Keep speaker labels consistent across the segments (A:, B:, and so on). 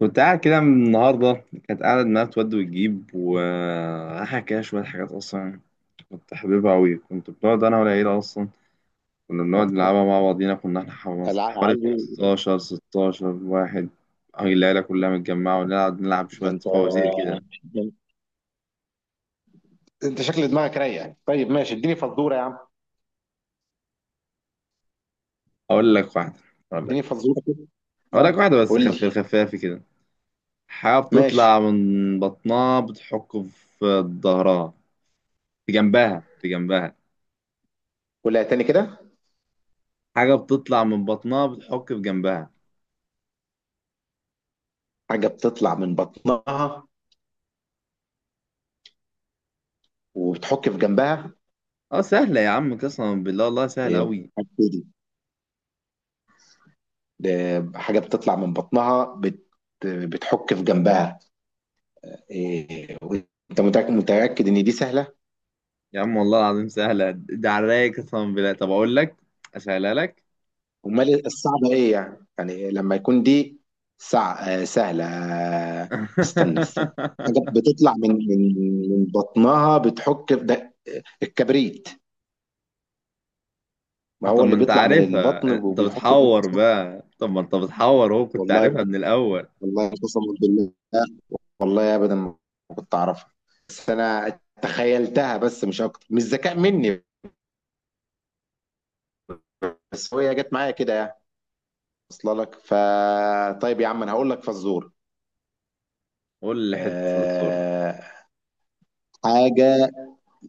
A: كنت قاعد كده من النهاردة، كانت قاعدة دماغها تود وتجيب وراح كده شوية حاجات أصلا. كنت حاببها أوي، كنت بنقعد أنا والعيلة أصلا. كنا بنقعد نلعبها مع بعضينا، كنا إحنا
B: لا
A: حوالي
B: عادي.
A: خمستاشر ستاشر واحد. أهي العيلة كلها متجمعة ونلعب نلعب
B: ده
A: شوية
B: انت
A: فوازير كده.
B: ده انت شكل دماغك رايق يعني. طيب ماشي، اديني فزوره يا عم.
A: أقول لك واحدة أقول لك
B: اديني فزوره كده.
A: أقول
B: اه،
A: لك واحدة بس
B: قول لي.
A: خفافي كده. حاجة
B: ماشي.
A: بتطلع من بطنها بتحك في ظهرها، في جنبها.
B: قولها تاني كده.
A: حاجة بتطلع من بطنها بتحك في جنبها.
B: حاجه بتطلع من بطنها وبتحك في جنبها.
A: اه، سهلة يا عم قسما بالله، والله سهلة
B: ايه
A: أوي.
B: حاجة دي؟ ده حاجه بتطلع من بطنها بتحك في جنبها. إيه. وانت متاكد متاكد ان دي سهله؟
A: يا عم والله العظيم سهلة، ده على الرايق قسما بالله. طب أقول لك، أسهلها لك.
B: امال الصعبه ايه يعني؟ لما يكون دي سع... سهله. آه، استنى استنى. حاجه بتطلع من بطنها بتحك في ده، الكبريت. ما هو
A: طب ما
B: اللي
A: أنت
B: بيطلع من
A: عارفها،
B: البطن
A: أنت
B: وبيحك في
A: بتحور
B: الفصل.
A: بقى، طب ما أنت بتحور، هو كنت
B: والله
A: عارفها
B: بجد-
A: من الأول.
B: والله قسما بالله. والله ابدا ما كنت اعرفها. بس انا تخيلتها بس، مش اكتر، مش ذكاء مني. بس هي جت معايا كده يعني، واصله لك. طيب يا عم، انا هقول لك فزور.
A: قول لي حتة فزورة.
B: أه... حاجه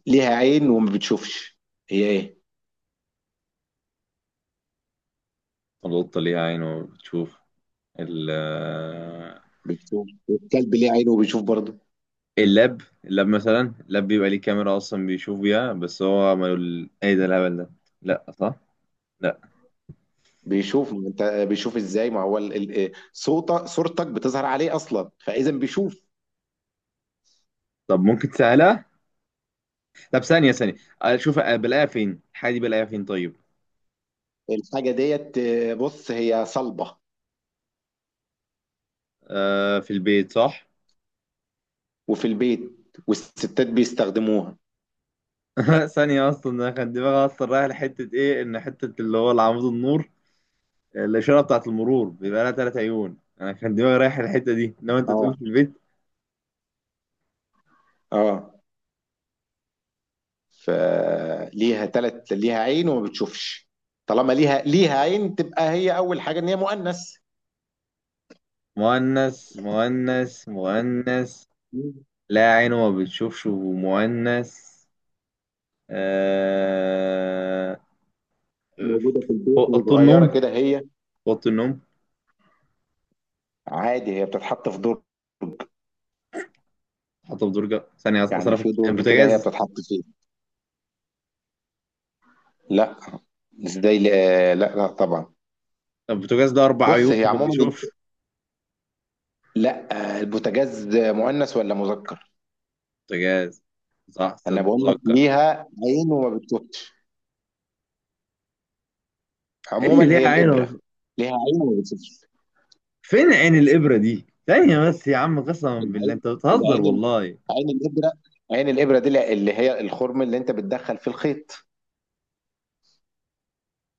B: ليها عين وما بتشوفش. هي ايه؟
A: القطة ليها عين وبتشوف. ال آه،
B: بتشوف؟ الكلب ليه عين وبيشوف برضه.
A: اللاب مثلا، اللاب بيبقى ليه كاميرا أصلا بيشوف بيها، بس هو ما يقول إيه ده الهبل ده. لأ، صح؟ لأ.
B: بيشوف، ما انت بيشوف ازاي؟ ما هو صوت صورتك بتظهر عليه اصلا، فاذا بيشوف.
A: طب ممكن تسهلها؟ طب ثانية ثانية، اشوف بلاقيها فين الحاجة دي، بلاقيها فين طيب.
B: الحاجه ديت، بص هي صلبه
A: آه في البيت، صح.
B: وفي البيت، والستات بيستخدموها.
A: ثانية اصلا، انا كان دماغي اصلا رايح لحتة ايه، ان حتة اللي هو العمود النور، الاشارة بتاعت المرور بيبقى لها تلات عيون. انا كان دماغي رايح الحتة دي، انما انت
B: اه،
A: تقول في البيت.
B: اه. فليها ليها عين وما بتشوفش. طالما ليها عين تبقى هي، اول حاجه، ان هي مؤنث،
A: مؤنث مؤنث مؤنث. لا عينه ما بتشوفش ومؤنث. آه...
B: موجوده في البيت
A: اوضه
B: وصغيره
A: النوم،
B: كده هي.
A: اوضه النوم.
B: عادي هي بتتحط في دور،
A: حاطه في درجه ثانيه
B: يعني
A: اصلا،
B: في درج كده هي
A: البوتاجاز.
B: بتتحط فيه؟ لا. ازاي؟ لا، لا، لا طبعا.
A: البوتاجاز ده اربع
B: بص
A: عيون
B: هي
A: ما
B: عموما،
A: بيشوفش.
B: لا، البوتاجاز مؤنث ولا مذكر؟
A: بوتاجاز، صح
B: انا
A: صدق
B: بقول لك
A: اتذكر.
B: ليها عين وما بتشوفش.
A: ايه اللي
B: عموما هي
A: ليها عين ومش...
B: الابره. ليها عين وما بتشوفش.
A: فين عين الابره دي؟ ثانيه بس يا عم، قسما بالله
B: العين،
A: انت بتهزر،
B: العين،
A: والله.
B: عين الابره. عين الابره دي اللي هي الخرم اللي انت بتدخل في الخيط.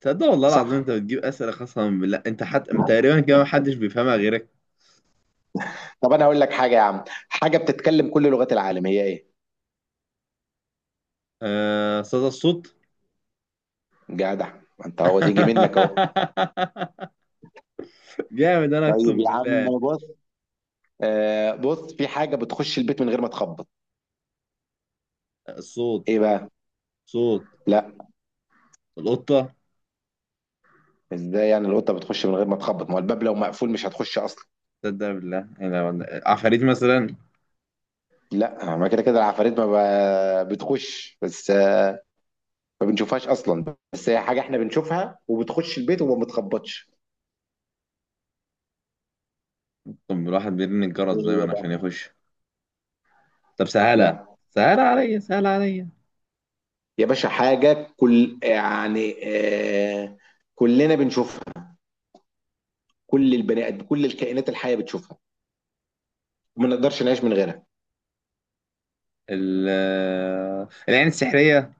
A: تصدق والله العظيم
B: صح.
A: انت بتجيب اسئله قسما بالله، انت حتى تقريبا كده محدش بيفهمها غيرك.
B: طب انا هقول لك حاجه يا عم. حاجه بتتكلم كل لغات العالم، هي ايه؟
A: آه، صدى الصوت.
B: جدع، ما انت هو تيجي منك اهو.
A: جامد، انا
B: طيب
A: اقسم
B: يا عم،
A: بالله.
B: بص، بص في حاجة بتخش البيت من غير ما تخبط.
A: الصوت.
B: ايه بقى؟
A: صوت.
B: لا.
A: القطه.
B: ازاي يعني القطة بتخش من غير ما تخبط؟ ما هو الباب لو مقفول مش هتخش اصلا.
A: تصدق بالله، انا عفاريت مثلا.
B: لا، ما كده كده العفاريت، ما بتخش، بس ما بنشوفهاش اصلا. بس هي حاجة احنا بنشوفها وبتخش البيت وما بتخبطش.
A: طب الواحد بيرن الجرس
B: ايه هي
A: دايما
B: بقى؟
A: عشان يخش. طب سهله،
B: لا
A: سهله عليا سهله عليا.
B: يا باشا، حاجة كل، يعني كلنا بنشوفها. كل البني ادم، كل الكائنات الحية بتشوفها، وما نقدرش نعيش من غيرها.
A: ال العين السحرية.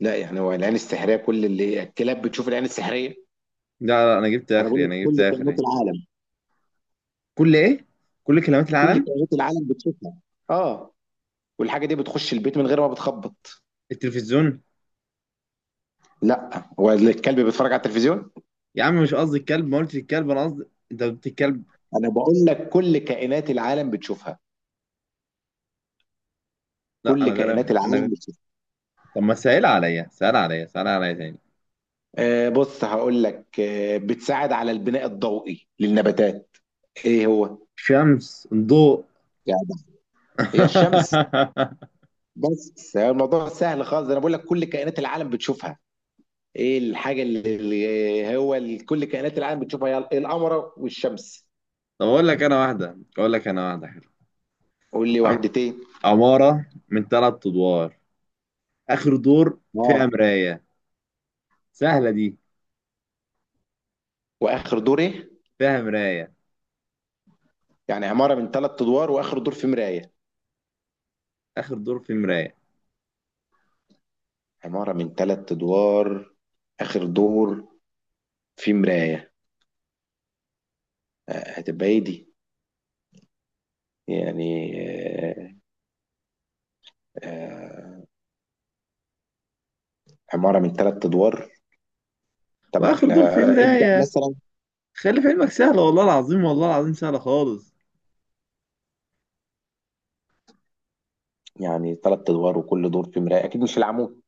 B: لا، يعني هو العين السحرية؟ كل اللي الكلاب بتشوف العين السحرية؟
A: لا لا، أنا جبت
B: انا بقول
A: آخري،
B: لك
A: أنا جبت
B: كل كائنات
A: آخري.
B: العالم.
A: كل إيه؟ كل كلمات
B: كل
A: العالم.
B: كائنات العالم بتشوفها. اه. والحاجه دي بتخش البيت من غير ما بتخبط.
A: التلفزيون.
B: لا، هو الكلب بيتفرج على التلفزيون.
A: يا عم مش قصدي الكلب، ما قلتش الكلب، أنا قصدي. أنت قلت الكلب.
B: انا بقول لك كل كائنات العالم بتشوفها.
A: لا
B: كل
A: أنا
B: كائنات
A: غير، أنا.
B: العالم بتشوفها.
A: طب ما سهل عليا سهل عليا سهل عليا تاني.
B: بص هقول لك، بتساعد على البناء الضوئي للنباتات. ايه هو
A: شمس، ضوء.
B: يعني؟ هي الشمس. بس الموضوع سهل خالص، انا بقول لك كل كائنات العالم بتشوفها. ايه الحاجه اللي هو كل كائنات العالم بتشوفها؟ هي القمر والشمس.
A: طب أقول لك أنا واحدة حلوة.
B: قول لي
A: عم-
B: وحدتين.
A: عمارة من ثلاث أدوار، آخر دور فيها مراية. سهلة دي.
B: واخر دور ايه؟
A: فيها مراية.
B: يعني عماره من ثلاث ادوار واخر دور في مرايه.
A: آخر دور فيه مراية.
B: عماره من ثلاث ادوار، اخر دور في مرايه. هتبقى ايه دي؟ يعني آه، عماره من ثلاث ادوار. طب
A: وآخر دور فيه
B: لا، ابدا،
A: مراية.
B: مثلا
A: خلي في علمك، سهلة والله العظيم، والله العظيم سهلة خالص.
B: يعني ثلاث ادوار وكل دور في مرايه، اكيد مش العمود.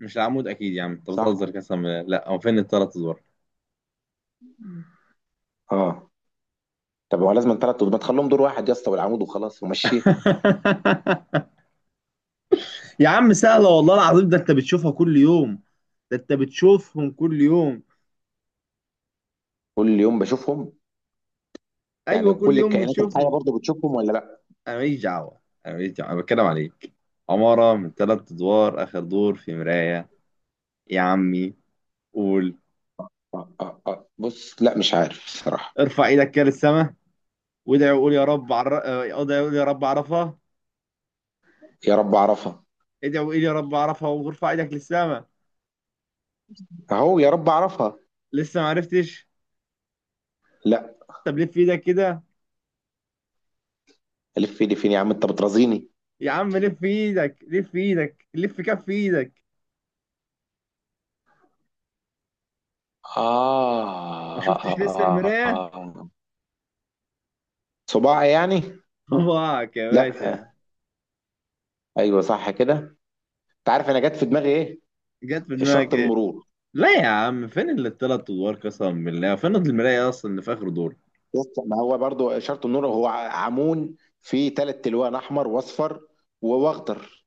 A: مش العمود أكيد يا عم، أنت
B: صح.
A: بتهزر قسما بالله. لا، هو فين التلات أزوار.
B: اه. طب هو لازم ثلاث ادوار؟ ما تخليهم دور واحد يا اسطى، والعمود، وخلاص ومشي.
A: يا عم سهلة والله العظيم، ده أنت بتشوفهم كل يوم.
B: كل يوم بشوفهم.
A: أيوه
B: يعني
A: كل
B: كل
A: يوم
B: الكائنات الحيه
A: بتشوفهم.
B: برضه بتشوفهم ولا لا؟
A: أنا ماليش دعوة أنا ماليش دعوة، أنا بتكلم عليك. عمارة من تلات أدوار آخر دور في مراية. يا عمي، قول.
B: بص، لا، مش عارف الصراحه.
A: ارفع إيدك كده للسما وادعي وقول يا رب عر... اه، ادعي وقول يا رب عرفها.
B: يا رب اعرفها.
A: ادعي وقول يا رب عرفها وارفع إيدك للسما.
B: اهو، يا رب اعرفها.
A: لسه ما عرفتش.
B: لا.
A: طب لف ايدك كده.
B: الف ايدي فين يا عم، انت بترازيني.
A: يا عم لف ايدك، لف ايدك، لف كف ايدك. ما شفتش لسه
B: آه
A: المراية.
B: صباع يعني؟
A: صباعك يا
B: لا.
A: باشا.
B: ايوه، صح كده. انت عارف انا جت في دماغي ايه؟
A: جت في دماغك
B: اشاره
A: ايه.
B: المرور.
A: لا يا عم فين اللي التلات ادوار قسما بالله، فين المراية اصلا اللي في اخر دور.
B: بص، ما هو برضو اشاره المرور هو عمون، فيه ثلاث تلوان، احمر واصفر واخضر.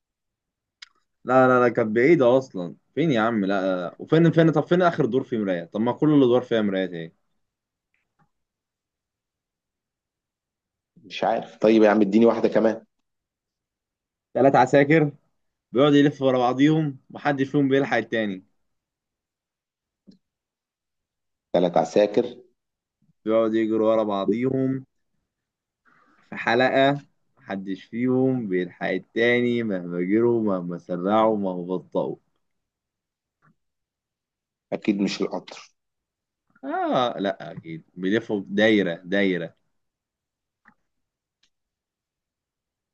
A: لا لا لا، كانت بعيدة اصلا. فين يا عم؟ لا لا. وفين فين؟ طب فين اخر دور فيه مراية؟ طب ما كل الادوار فيها مرايات، ايه.
B: مش عارف. طيب يا عم، اديني واحده كمان.
A: تلات عساكر بيقعدوا يلفوا ورا بعضيهم، محدش فيهم بيلحق التاني.
B: ثلاث عساكر.
A: بيقعدوا يجروا ورا بعضيهم في حلقة، محدش فيهم بيلحق التاني مهما جروا مهما سرعوا مهما بطأوا.
B: اكيد مش القطر.
A: آه لأ، أكيد بيلفوا دايرة دايرة.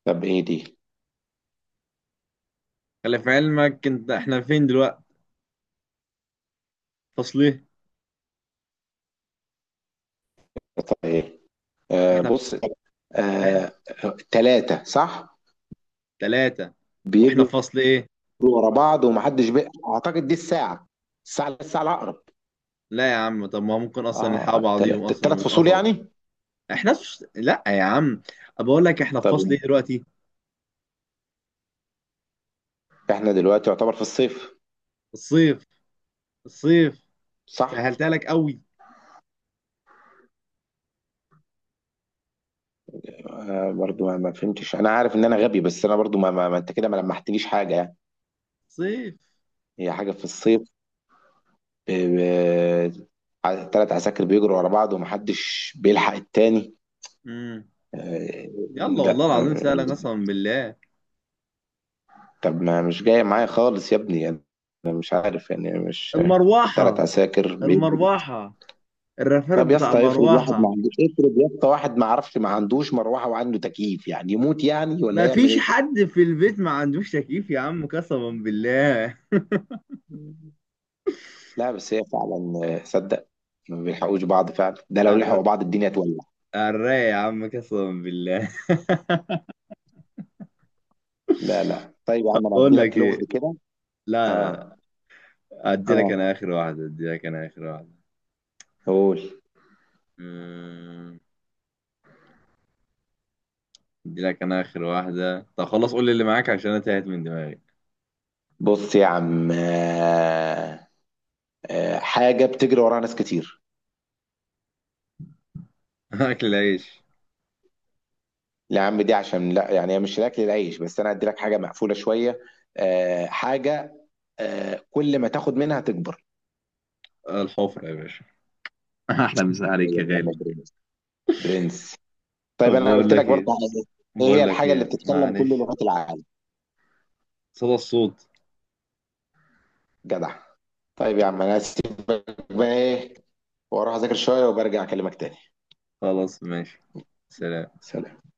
B: طب ايه دي؟
A: خلي في علمك أنت، إحنا فين دلوقتي؟ فصل إيه؟
B: طب ايه؟
A: إحنا في،
B: بص، ثلاثه.
A: إحنا
B: آه ثلاثة، صح.
A: تلاتة، وإحنا
B: بيجوا
A: في فصل إيه؟
B: ورا بعض ومحدش، بقى اعتقد دي الساعه الاقرب.
A: لا يا عم، طب ما ممكن أصلا نلحق
B: اه.
A: بعضيهم أصلا
B: الثلاث فصول
A: ونتقطعوا.
B: يعني؟
A: إحنا في... لأ يا عم، أنا بقول لك إحنا في
B: طب
A: فصل إيه دلوقتي؟
B: احنا دلوقتي يعتبر في الصيف.
A: الصيف. الصيف.
B: صح.
A: سهلتها لك قوي.
B: برضو ما, ما فهمتش. انا عارف ان انا غبي، بس انا برضو ما, ما, ما انت كده ما لمحتليش حاجه يعني.
A: صيف.
B: هي حاجه في الصيف. ثلاث عساكر بيجروا ورا بعض ومحدش بيلحق التاني.
A: امم
B: آه.
A: يلا والله
B: لا،
A: العظيم سهلك قسما بالله.
B: طب ما مش جاي معايا خالص يا ابني انا، مش عارف يعني، مش ثلاث
A: المروحة.
B: عساكر.
A: المروحة. الرفرف
B: طب يا
A: بتاع
B: اسطى، افرض واحد
A: المروحة.
B: ما عندوش، افرض يا اسطى واحد ما عرفش، ما عندوش مروحه وعنده تكييف، يعني يموت يعني ولا
A: ما
B: يعمل
A: فيش
B: ايه؟
A: حد في البيت ما عندوش تكييف يا عم قسما بالله.
B: لا، بس هي فعلا صدق، ما بيلحقوش بعض فعلا. ده لو
A: الر-
B: لحقوا بعض الدنيا تولع.
A: الرايق يا عم قسما بالله.
B: لا، لا، طيب يا
A: طب
B: عم انا
A: بقول
B: هدي
A: لك
B: لك لغز
A: ايه.
B: كده.
A: لا لا،
B: اه.
A: لا،
B: اه،
A: ادي لك انا اخر واحدة.
B: قول.
A: أمم، ادي لك انا اخر واحدة، طب خلاص قول لي اللي معاك عشان انا تاهت من دماغي.
B: بص يا عم، حاجه بتجري وراها ناس كتير.
A: اكل العيش.
B: لا يا عم، دي عشان لا، يعني هي مش الاكل العيش، بس انا هدي لك حاجه مقفوله شويه. حاجه، كل ما تاخد منها تكبر.
A: الحفرة يا باشا. احلى مسا
B: هي
A: عليك يا
B: من
A: غالي.
B: المجرمين. برنس.
A: طب
B: طيب انا
A: بقول
B: قلت لك
A: لك
B: برضه
A: ايه،
B: ايه. إيه هي الحاجه اللي بتتكلم كل
A: معلش.
B: لغات العالم؟
A: صدى الصوت.
B: جدع. طيب يا عم، انا هسيبك بقى، ايه، واروح اذاكر شويه وبرجع اكلمك تاني.
A: خلاص ماشي. سلام.
B: سلام.